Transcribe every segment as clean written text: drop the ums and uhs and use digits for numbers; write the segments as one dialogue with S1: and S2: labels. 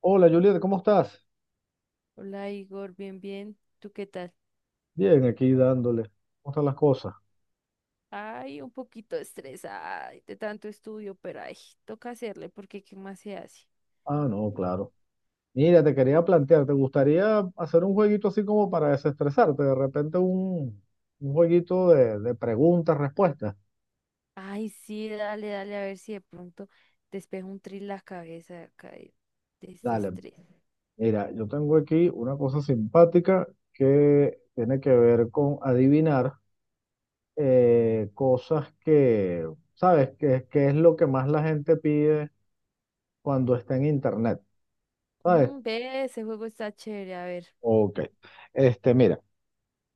S1: Hola Julieta, ¿cómo estás?
S2: Hola Igor, bien, bien. ¿Tú qué tal?
S1: Bien, aquí dándole. ¿Cómo están las cosas?
S2: Ay, un poquito estresada de tanto estudio, pero ay, toca hacerle porque ¿qué más se hace?
S1: Ah, no, claro. Mira, te quería plantear, ¿te gustaría hacer un jueguito así como para desestresarte? De repente un jueguito de preguntas, respuestas.
S2: Ay, sí, dale, dale, a ver si de pronto despejo un tris la cabeza acá de ese
S1: Dale,
S2: estrés.
S1: mira, yo tengo aquí una cosa simpática que tiene que ver con adivinar cosas que, ¿sabes? Que es lo que más la gente pide cuando está en internet, ¿sabes?
S2: Mm, ve, ese juego está chévere, a ver.
S1: Ok. Este, mira.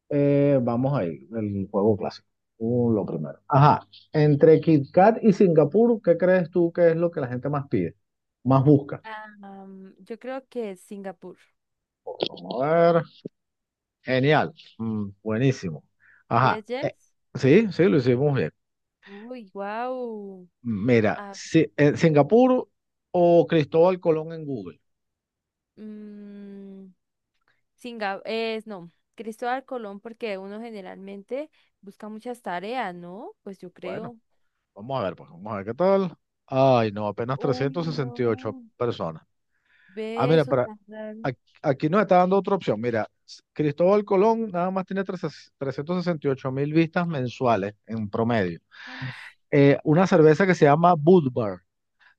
S1: Vamos ahí, el juego clásico. Lo primero. Ajá, entre KitKat y Singapur, ¿qué crees tú que es lo que la gente más pide? Más busca.
S2: Yo creo que es Singapur.
S1: Vamos a ver. Genial. Mm, buenísimo. Ajá.
S2: Yes, yes.
S1: Sí, sí, lo hicimos bien.
S2: Uy, wow.
S1: Mira,
S2: Ah,
S1: Singapur o Cristóbal Colón en Google.
S2: mm, Singa, es no, Cristóbal Colón, porque uno generalmente busca muchas tareas, ¿no? Pues yo
S1: Bueno,
S2: creo.
S1: vamos a ver, pues vamos a ver qué tal. Ay, no, apenas
S2: Uy,
S1: trescientas sesenta y ocho
S2: no.
S1: personas. Ah,
S2: Ve
S1: mira,
S2: eso tan raro.
S1: Ac- aquí nos está dando otra opción. Mira, Cristóbal Colón nada más tiene 368.000 vistas mensuales en promedio.
S2: Ush.
S1: Una cerveza que se llama Budvar.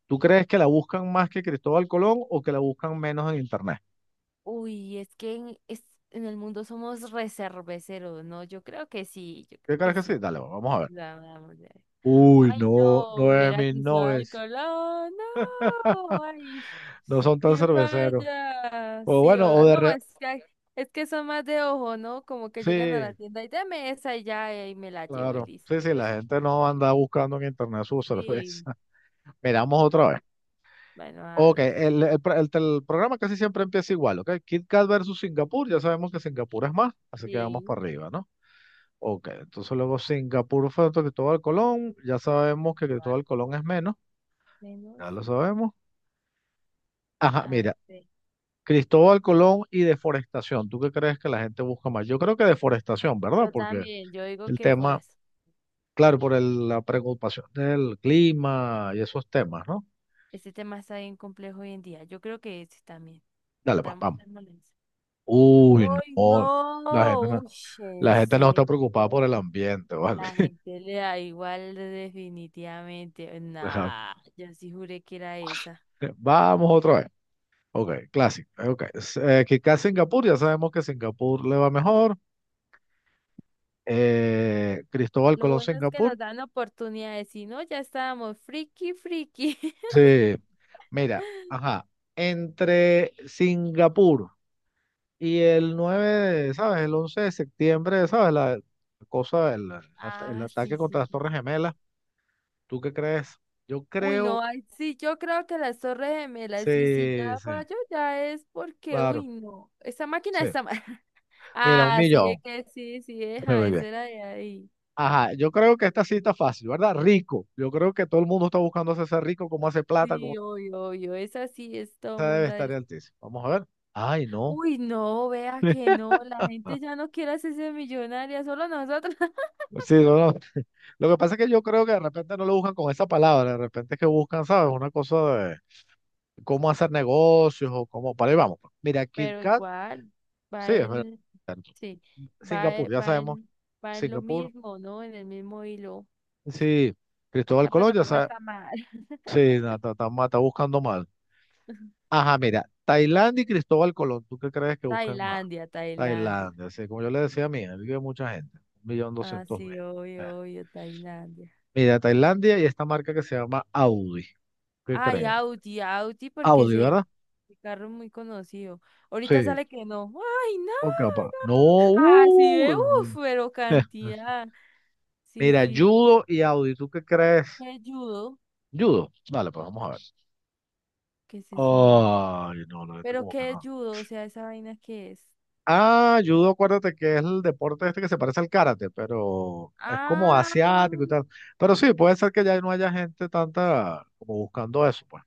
S1: ¿Tú crees que la buscan más que Cristóbal Colón o que la buscan menos en internet?
S2: Uy, es que en el mundo somos reserveceros, ¿no? Yo creo que sí, yo
S1: ¿Qué
S2: creo
S1: crees
S2: que
S1: que sí?
S2: sí.
S1: Dale, vamos a ver.
S2: La vamos a ver.
S1: Uy,
S2: Ay,
S1: no,
S2: no, era Cristóbal
S1: 9.900.
S2: Colón, no, ay.
S1: No son tan
S2: Que
S1: cerveceros.
S2: vaya.
S1: O
S2: Sí,
S1: bueno,
S2: ahora. No, es que hay, es que son más de ojo, ¿no? Como que llegan a la
S1: sí,
S2: tienda y dame esa y ya, y ahí me la llevo y
S1: claro.
S2: listo.
S1: Sí, sí, la gente no anda buscando en internet su
S2: Sí,
S1: cerveza. Miramos otra
S2: ah,
S1: vez.
S2: bueno, a
S1: Ok,
S2: ver,
S1: el programa casi siempre empieza igual, ¿ok? Kit Kat versus Singapur, ya sabemos que Singapur es más, así que vamos
S2: sí.
S1: para arriba, ¿no? Ok, entonces luego Singapur fue otro Cristóbal Colón, ya sabemos que
S2: Ah,
S1: Cristóbal Colón es menos,
S2: menos.
S1: ya lo sabemos. Ajá,
S2: A
S1: mira,
S2: ver.
S1: Cristóbal Colón y deforestación, ¿tú qué crees que la gente busca más? Yo creo que deforestación, ¿verdad?
S2: Yo
S1: Porque
S2: también, yo digo
S1: el
S2: que por
S1: tema,
S2: eso.
S1: claro, por la preocupación del clima y esos temas, ¿no?
S2: Este tema está bien complejo hoy en día. Yo creo que este también.
S1: Dale, pues, vamos.
S2: Dámosle esa.
S1: Uy,
S2: ¡Ay,
S1: no, la gente
S2: no!
S1: no
S2: Uy,
S1: la
S2: ¿en
S1: gente no está preocupada
S2: serio?
S1: por el ambiente, ¿vale?
S2: La gente le da igual definitivamente.
S1: Ajá.
S2: Nah, yo sí juré que era esa.
S1: Vamos otra vez. Ok, clásico. Ok. Kikaz Singapur, ya sabemos que Singapur le va mejor. Cristóbal
S2: Lo
S1: Colón
S2: bueno es que
S1: Singapur.
S2: nos dan oportunidad de decir, no, ya estábamos friki, friki.
S1: Sí, mira, ajá. Entre Singapur y el 9, de, ¿sabes? El 11 de septiembre, ¿sabes? La cosa, el
S2: Ah, sí,
S1: ataque
S2: sí,
S1: contra las
S2: sí.
S1: Torres Gemelas. ¿Tú qué crees? Yo
S2: Uy, no,
S1: creo,
S2: ay, sí, yo creo que las Torres Gemelas, y si
S1: sí,
S2: ya
S1: sí,
S2: falló, ya es porque, uy,
S1: claro,
S2: no, esa máquina
S1: sí.
S2: está mal.
S1: Mira, un
S2: Ah, sí, es
S1: millón.
S2: que sí, sí, deja,
S1: Muy
S2: esa
S1: bien.
S2: era de ahí.
S1: Ajá, yo creo que esta sí está fácil, ¿verdad? Rico. Yo creo que todo el mundo está buscando hacerse rico, cómo hace plata, cómo
S2: Sí, obvio, obvio, esa sí es todo
S1: se debe
S2: mundo.
S1: estar altísimo. Vamos a ver. Ay, no.
S2: Uy, no, vea que no, la gente ya no quiere hacerse millonaria, solo nosotros.
S1: Sí, no, no. Lo que pasa es que yo creo que de repente no lo buscan con esa palabra, de repente es que buscan, ¿sabes? Una cosa de cómo hacer negocios o cómo. Para ahí vamos. Pues. Mira, Kit
S2: Pero
S1: Kat,
S2: igual,
S1: sí,
S2: va
S1: es verdad.
S2: el, sí,
S1: Singapur, ya
S2: va
S1: sabemos.
S2: el, va en lo
S1: Singapur,
S2: mismo, ¿no? En el mismo hilo.
S1: sí. Cristóbal
S2: La
S1: Colón, ya
S2: plataforma
S1: sabes.
S2: está mal.
S1: Sí, no, está, está buscando mal. Ajá, mira. Tailandia y Cristóbal Colón, ¿tú qué crees que buscan más?
S2: Tailandia, Tailandia.
S1: Tailandia, sí, como yo le decía a mí, ahí vive mucha gente, un millón
S2: Ah,
S1: doscientos mil.
S2: sí,
S1: Eh.
S2: obvio, obvio, Tailandia.
S1: Mira, Tailandia y esta marca que se llama Audi, ¿qué
S2: Ay,
S1: creen?
S2: Audi, Audi, porque
S1: Audi, ¿verdad?
S2: ese carro es muy conocido. Ahorita
S1: Sí,
S2: sale que no. Ay, no.
S1: por capaz. No,
S2: Así sí, uff, pero cantidad. Sí,
S1: mira,
S2: sí,
S1: judo y Audi, ¿tú qué crees?
S2: sí, ayudo.
S1: Judo, dale, pues vamos a ver.
S2: ¿Qué es esa vaina?
S1: Ay, no, no, este
S2: ¿Pero
S1: como que
S2: qué es
S1: no.
S2: judo? O sea, ¿esa vaina qué es?
S1: Ah, judo, acuérdate que es el deporte este que se parece al karate, pero es como
S2: Ah,
S1: asiático y tal. Pero sí, puede ser que ya no haya gente tanta como buscando eso, pues.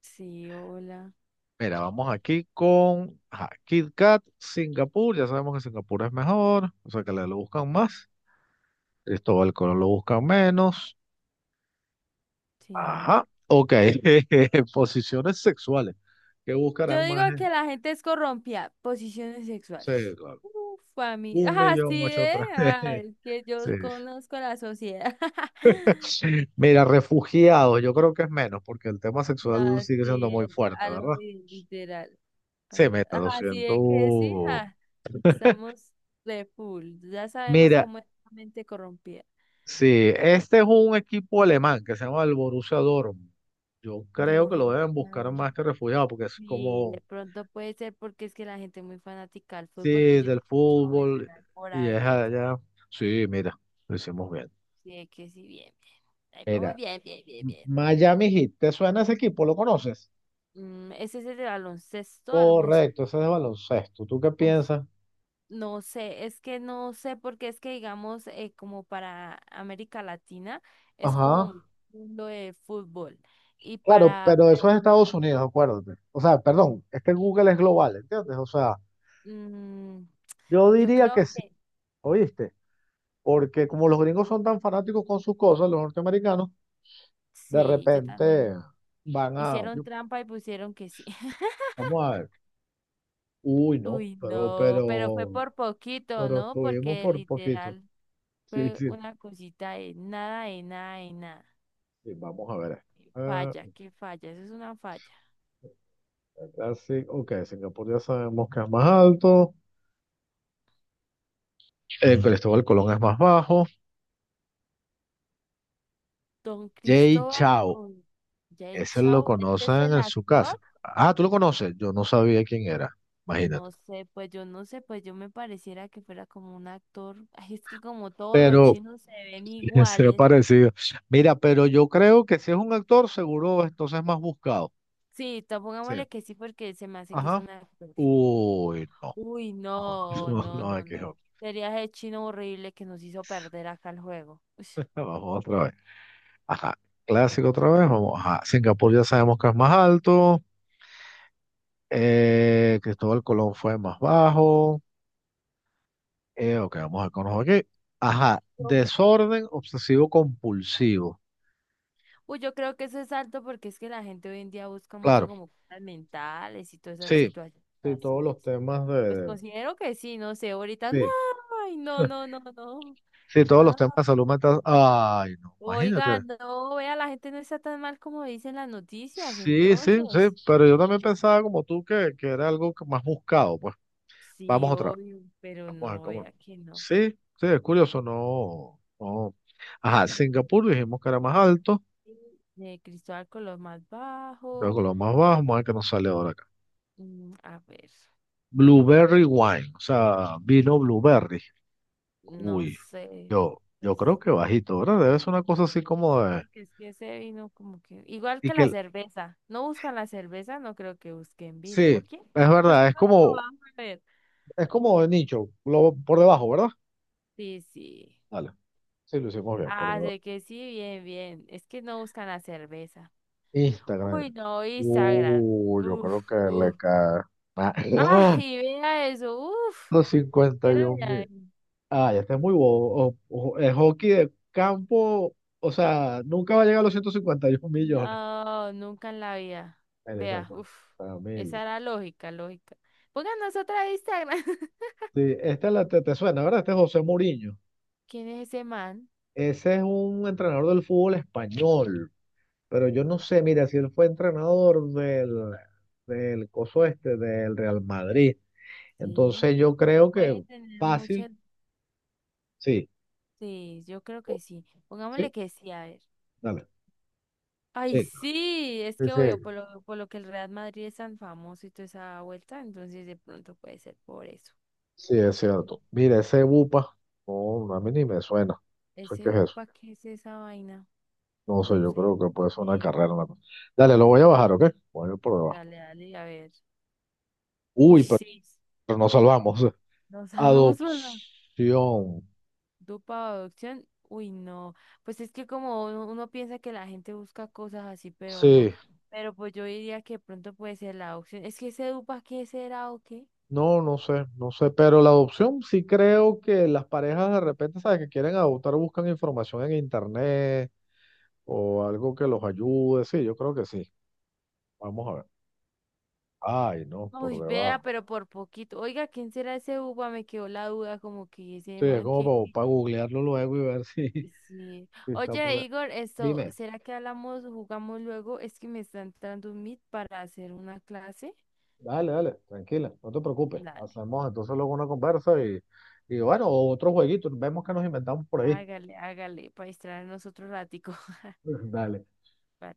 S2: sí, hola.
S1: Mira, vamos aquí con ajá, Kit Kat, Singapur. Ya sabemos que Singapur es mejor, o sea que le lo buscan más. Cristóbal Colón lo buscan menos.
S2: Sí.
S1: Ajá, ok. Posiciones sexuales. ¿Qué
S2: Yo
S1: buscarán
S2: digo
S1: más? ¿Eh?
S2: que la gente es corrompida. Posiciones
S1: Sí,
S2: sexuales.
S1: claro.
S2: Uf, a mí.
S1: Un millón
S2: Así
S1: ocho
S2: es.
S1: otra.
S2: Es que yo conozco la sociedad.
S1: Sí. Mira, refugiados, yo creo que es menos, porque el tema
S2: No,
S1: sexual sigue
S2: así
S1: siendo muy
S2: es.
S1: fuerte,
S2: A
S1: ¿verdad?
S2: lo literal.
S1: Se meta
S2: Así es que sí,
S1: 200.
S2: ja, estamos de full. Ya sabemos
S1: Mira,
S2: cómo es la mente corrompida.
S1: sí, este es un equipo alemán que se llama el Borussia Dortmund. Yo creo que lo
S2: Borrón,
S1: deben buscar más que refugiado porque es
S2: y
S1: como,
S2: de pronto puede ser porque es que la gente es muy fanática al fútbol y
S1: sí,
S2: yo he
S1: del
S2: escuchado
S1: fútbol
S2: mencionar por
S1: y es
S2: ahí es.
S1: allá. Sí, mira, lo hicimos bien.
S2: Sí, es que sí, bien, bien. Ahí vamos
S1: Mira,
S2: bien, bien, bien, bien.
S1: Miami Heat, ¿te suena ese equipo? ¿Lo conoces?
S2: Mm, ese es el de baloncesto, algo así.
S1: Correcto, ese es de baloncesto. ¿Tú qué
S2: Uf,
S1: piensas?
S2: no sé, es que no sé porque es que digamos como para América Latina es como
S1: Ajá.
S2: un mundo de fútbol y
S1: Claro, pero
S2: para
S1: eso es
S2: allá,
S1: Estados Unidos, acuérdate. O sea, perdón, es que Google es global, ¿entiendes? O sea,
S2: mm,
S1: yo
S2: yo
S1: diría
S2: creo
S1: que sí,
S2: que
S1: ¿oíste? Porque como los gringos son tan fanáticos con sus cosas, los norteamericanos, de
S2: sí, yo
S1: repente
S2: también
S1: van a,
S2: hicieron trampa y pusieron que sí.
S1: vamos a ver, uy, no,
S2: Uy,
S1: pero,
S2: no, pero fue
S1: pero,
S2: por poquito,
S1: pero
S2: ¿no?
S1: estuvimos
S2: Porque
S1: por poquito.
S2: literal
S1: Sí,
S2: fue
S1: sí,
S2: una cosita de nada, de nada, de nada.
S1: sí, vamos a ver esto.
S2: Qué
S1: Ah,
S2: falla, qué falla, eso es una falla.
S1: ¿verdad? Sí, ok, Singapur ya sabemos que es más alto, el Cristóbal Colón es más bajo,
S2: Don
S1: Jay
S2: Cristóbal
S1: Chao,
S2: con Jay
S1: ese lo
S2: Chou, ¿este es
S1: conocen
S2: el
S1: en su
S2: actor?
S1: casa. Ah, tú lo conoces, yo no sabía quién era, imagínate.
S2: No sé, pues yo no sé, pues yo me pareciera que fuera como un actor. Ay, es que como todos los
S1: Pero,
S2: chinos se ven
S1: será
S2: iguales.
S1: parecido. Mira, pero yo creo que si es un actor, seguro entonces es más buscado.
S2: Sí,
S1: Sí.
S2: pongámosle que sí, porque se me hace que es
S1: Ajá.
S2: un actor.
S1: Uy, no.
S2: Uy,
S1: No, no,
S2: no, no,
S1: no, hay
S2: no,
S1: que
S2: no.
S1: joder.
S2: Sería el chino horrible que nos hizo perder acá el juego. Ush.
S1: Vamos otra vez. Ajá. Clásico otra vez. Vamos. Ajá. Singapur ya sabemos que es más alto. Cristóbal Colón fue más bajo. Ok, vamos a conocer aquí. Ajá.
S2: Yo-
S1: Desorden obsesivo compulsivo.
S2: Uy, yo creo que eso es alto porque es que la gente hoy en día busca mucho
S1: Claro.
S2: como cosas mentales y todas esas
S1: Sí.
S2: situaciones
S1: Sí, todos
S2: así
S1: los
S2: es.
S1: temas
S2: Pues considero que sí, no sé, ahorita no,
S1: sí.
S2: ay, no, no, no, no,
S1: Sí, todos los
S2: no.
S1: temas de salud mental. Ay, no,
S2: Oiga,
S1: imagínate.
S2: no, vea, la gente no está tan mal como dicen las noticias,
S1: Sí, sí, sí,
S2: entonces.
S1: pero yo también pensaba como tú que era algo que más buscado. Pues
S2: Sí,
S1: vamos otra vez.
S2: obvio, pero
S1: Vamos a ver
S2: no,
S1: cómo.
S2: vea que no.
S1: Sí, sí, es curioso, no, no. Ajá, Singapur dijimos que era más alto,
S2: De Cristóbal con los más
S1: luego
S2: bajo.
S1: lo más bajo, vamos a ver qué nos sale ahora acá.
S2: Mm, a ver.
S1: Blueberry wine, o sea, vino blueberry.
S2: No
S1: Uy,
S2: sé,
S1: yo
S2: pues
S1: creo que bajito, ¿verdad? Debe ser una cosa así
S2: sí,
S1: como de.
S2: porque es que ese vino como que, igual
S1: Y
S2: que
S1: que,
S2: la cerveza, no buscan la cerveza, no creo que busquen
S1: sí,
S2: vino, ¿o quién
S1: es
S2: sabe? Pues
S1: verdad,
S2: pongámoslo, vamos a ver.
S1: es como de nicho, por debajo, ¿verdad?
S2: Sí, sí.
S1: Dale. Sí, lo hicimos bien, por
S2: Ah,
S1: debajo.
S2: de que sí, bien, bien. Es que no buscan la cerveza. Uy,
S1: Instagram.
S2: no, Instagram.
S1: Yo
S2: Uf,
S1: creo que le
S2: uf.
S1: cae. Ah,
S2: Ah, y vea eso, uf.
S1: los cincuenta y
S2: Quiero
S1: un
S2: ver.
S1: mil. Ah, ya está muy bobo. El hockey de campo, o sea, nunca va a llegar a los 151.000.000.
S2: No, nunca en la vida.
S1: Ahí está,
S2: Vea,
S1: bueno,
S2: uf.
S1: para
S2: Esa
S1: mil.
S2: era lógica, lógica. Pónganos otra de Instagram.
S1: Sí, esta te suena, ¿verdad? Este es José Mourinho.
S2: ¿Quién es ese man?
S1: Ese es un entrenador del fútbol español. Pero yo no sé, mira, si él fue entrenador del coso este, del Real Madrid.
S2: Sí.
S1: Entonces yo creo que
S2: Puede tener
S1: fácil,
S2: muchas,
S1: sí,
S2: sí, yo creo
S1: o-
S2: que sí. Pongámosle
S1: sí,
S2: que sí, a ver.
S1: dale,
S2: Ay,
S1: sí.
S2: sí, es
S1: Sí,
S2: que
S1: sí,
S2: obvio, por lo que el Real Madrid es tan famoso y toda esa vuelta, entonces de pronto puede ser por eso.
S1: sí, es cierto. Mira, ese bupa, no, a mí ni me suena. ¿Eso qué
S2: Ese
S1: es eso?
S2: UPA, ¿qué es esa vaina?
S1: No sé,
S2: No
S1: yo
S2: sé.
S1: creo que puede ser una
S2: Eh,
S1: carrera. Una cosa. Dale, lo voy a bajar, ¿ok? Voy a ir por debajo.
S2: dale, dale, a ver. Uy,
S1: Uy,
S2: sí,
S1: pero nos salvamos.
S2: nos salvamos por
S1: Adopción.
S2: Dupa o adopción, uy, no. Pues es que como uno piensa que la gente busca cosas así, pero no.
S1: Sí,
S2: Pero pues yo diría que de pronto puede ser la adopción. Es que ese Dupa, ¿qué será o qué?
S1: no, no sé, no sé, pero la adopción sí creo que las parejas de repente, ¿sabes? Que quieren adoptar, buscan información en internet o algo que los ayude. Sí, yo creo que sí. Vamos a ver. Ay, no, por
S2: Uy, vea,
S1: debajo.
S2: pero por poquito. Oiga, ¿quién será ese Dupa? Me quedó la duda, como que ese
S1: Sí, es
S2: man
S1: como para, googlearlo luego y ver si,
S2: Sí.
S1: si está
S2: Oye,
S1: por ahí.
S2: Igor, esto,
S1: Dime,
S2: ¿será que hablamos, jugamos luego? Es que me está entrando un Meet para hacer una clase.
S1: dale, dale, tranquila, no te preocupes.
S2: Dale,
S1: Hacemos entonces luego una conversa y bueno, otro jueguito, vemos que nos inventamos por ahí.
S2: hágale, hágale, para distraernos otro ratico.
S1: Dale.
S2: Vale.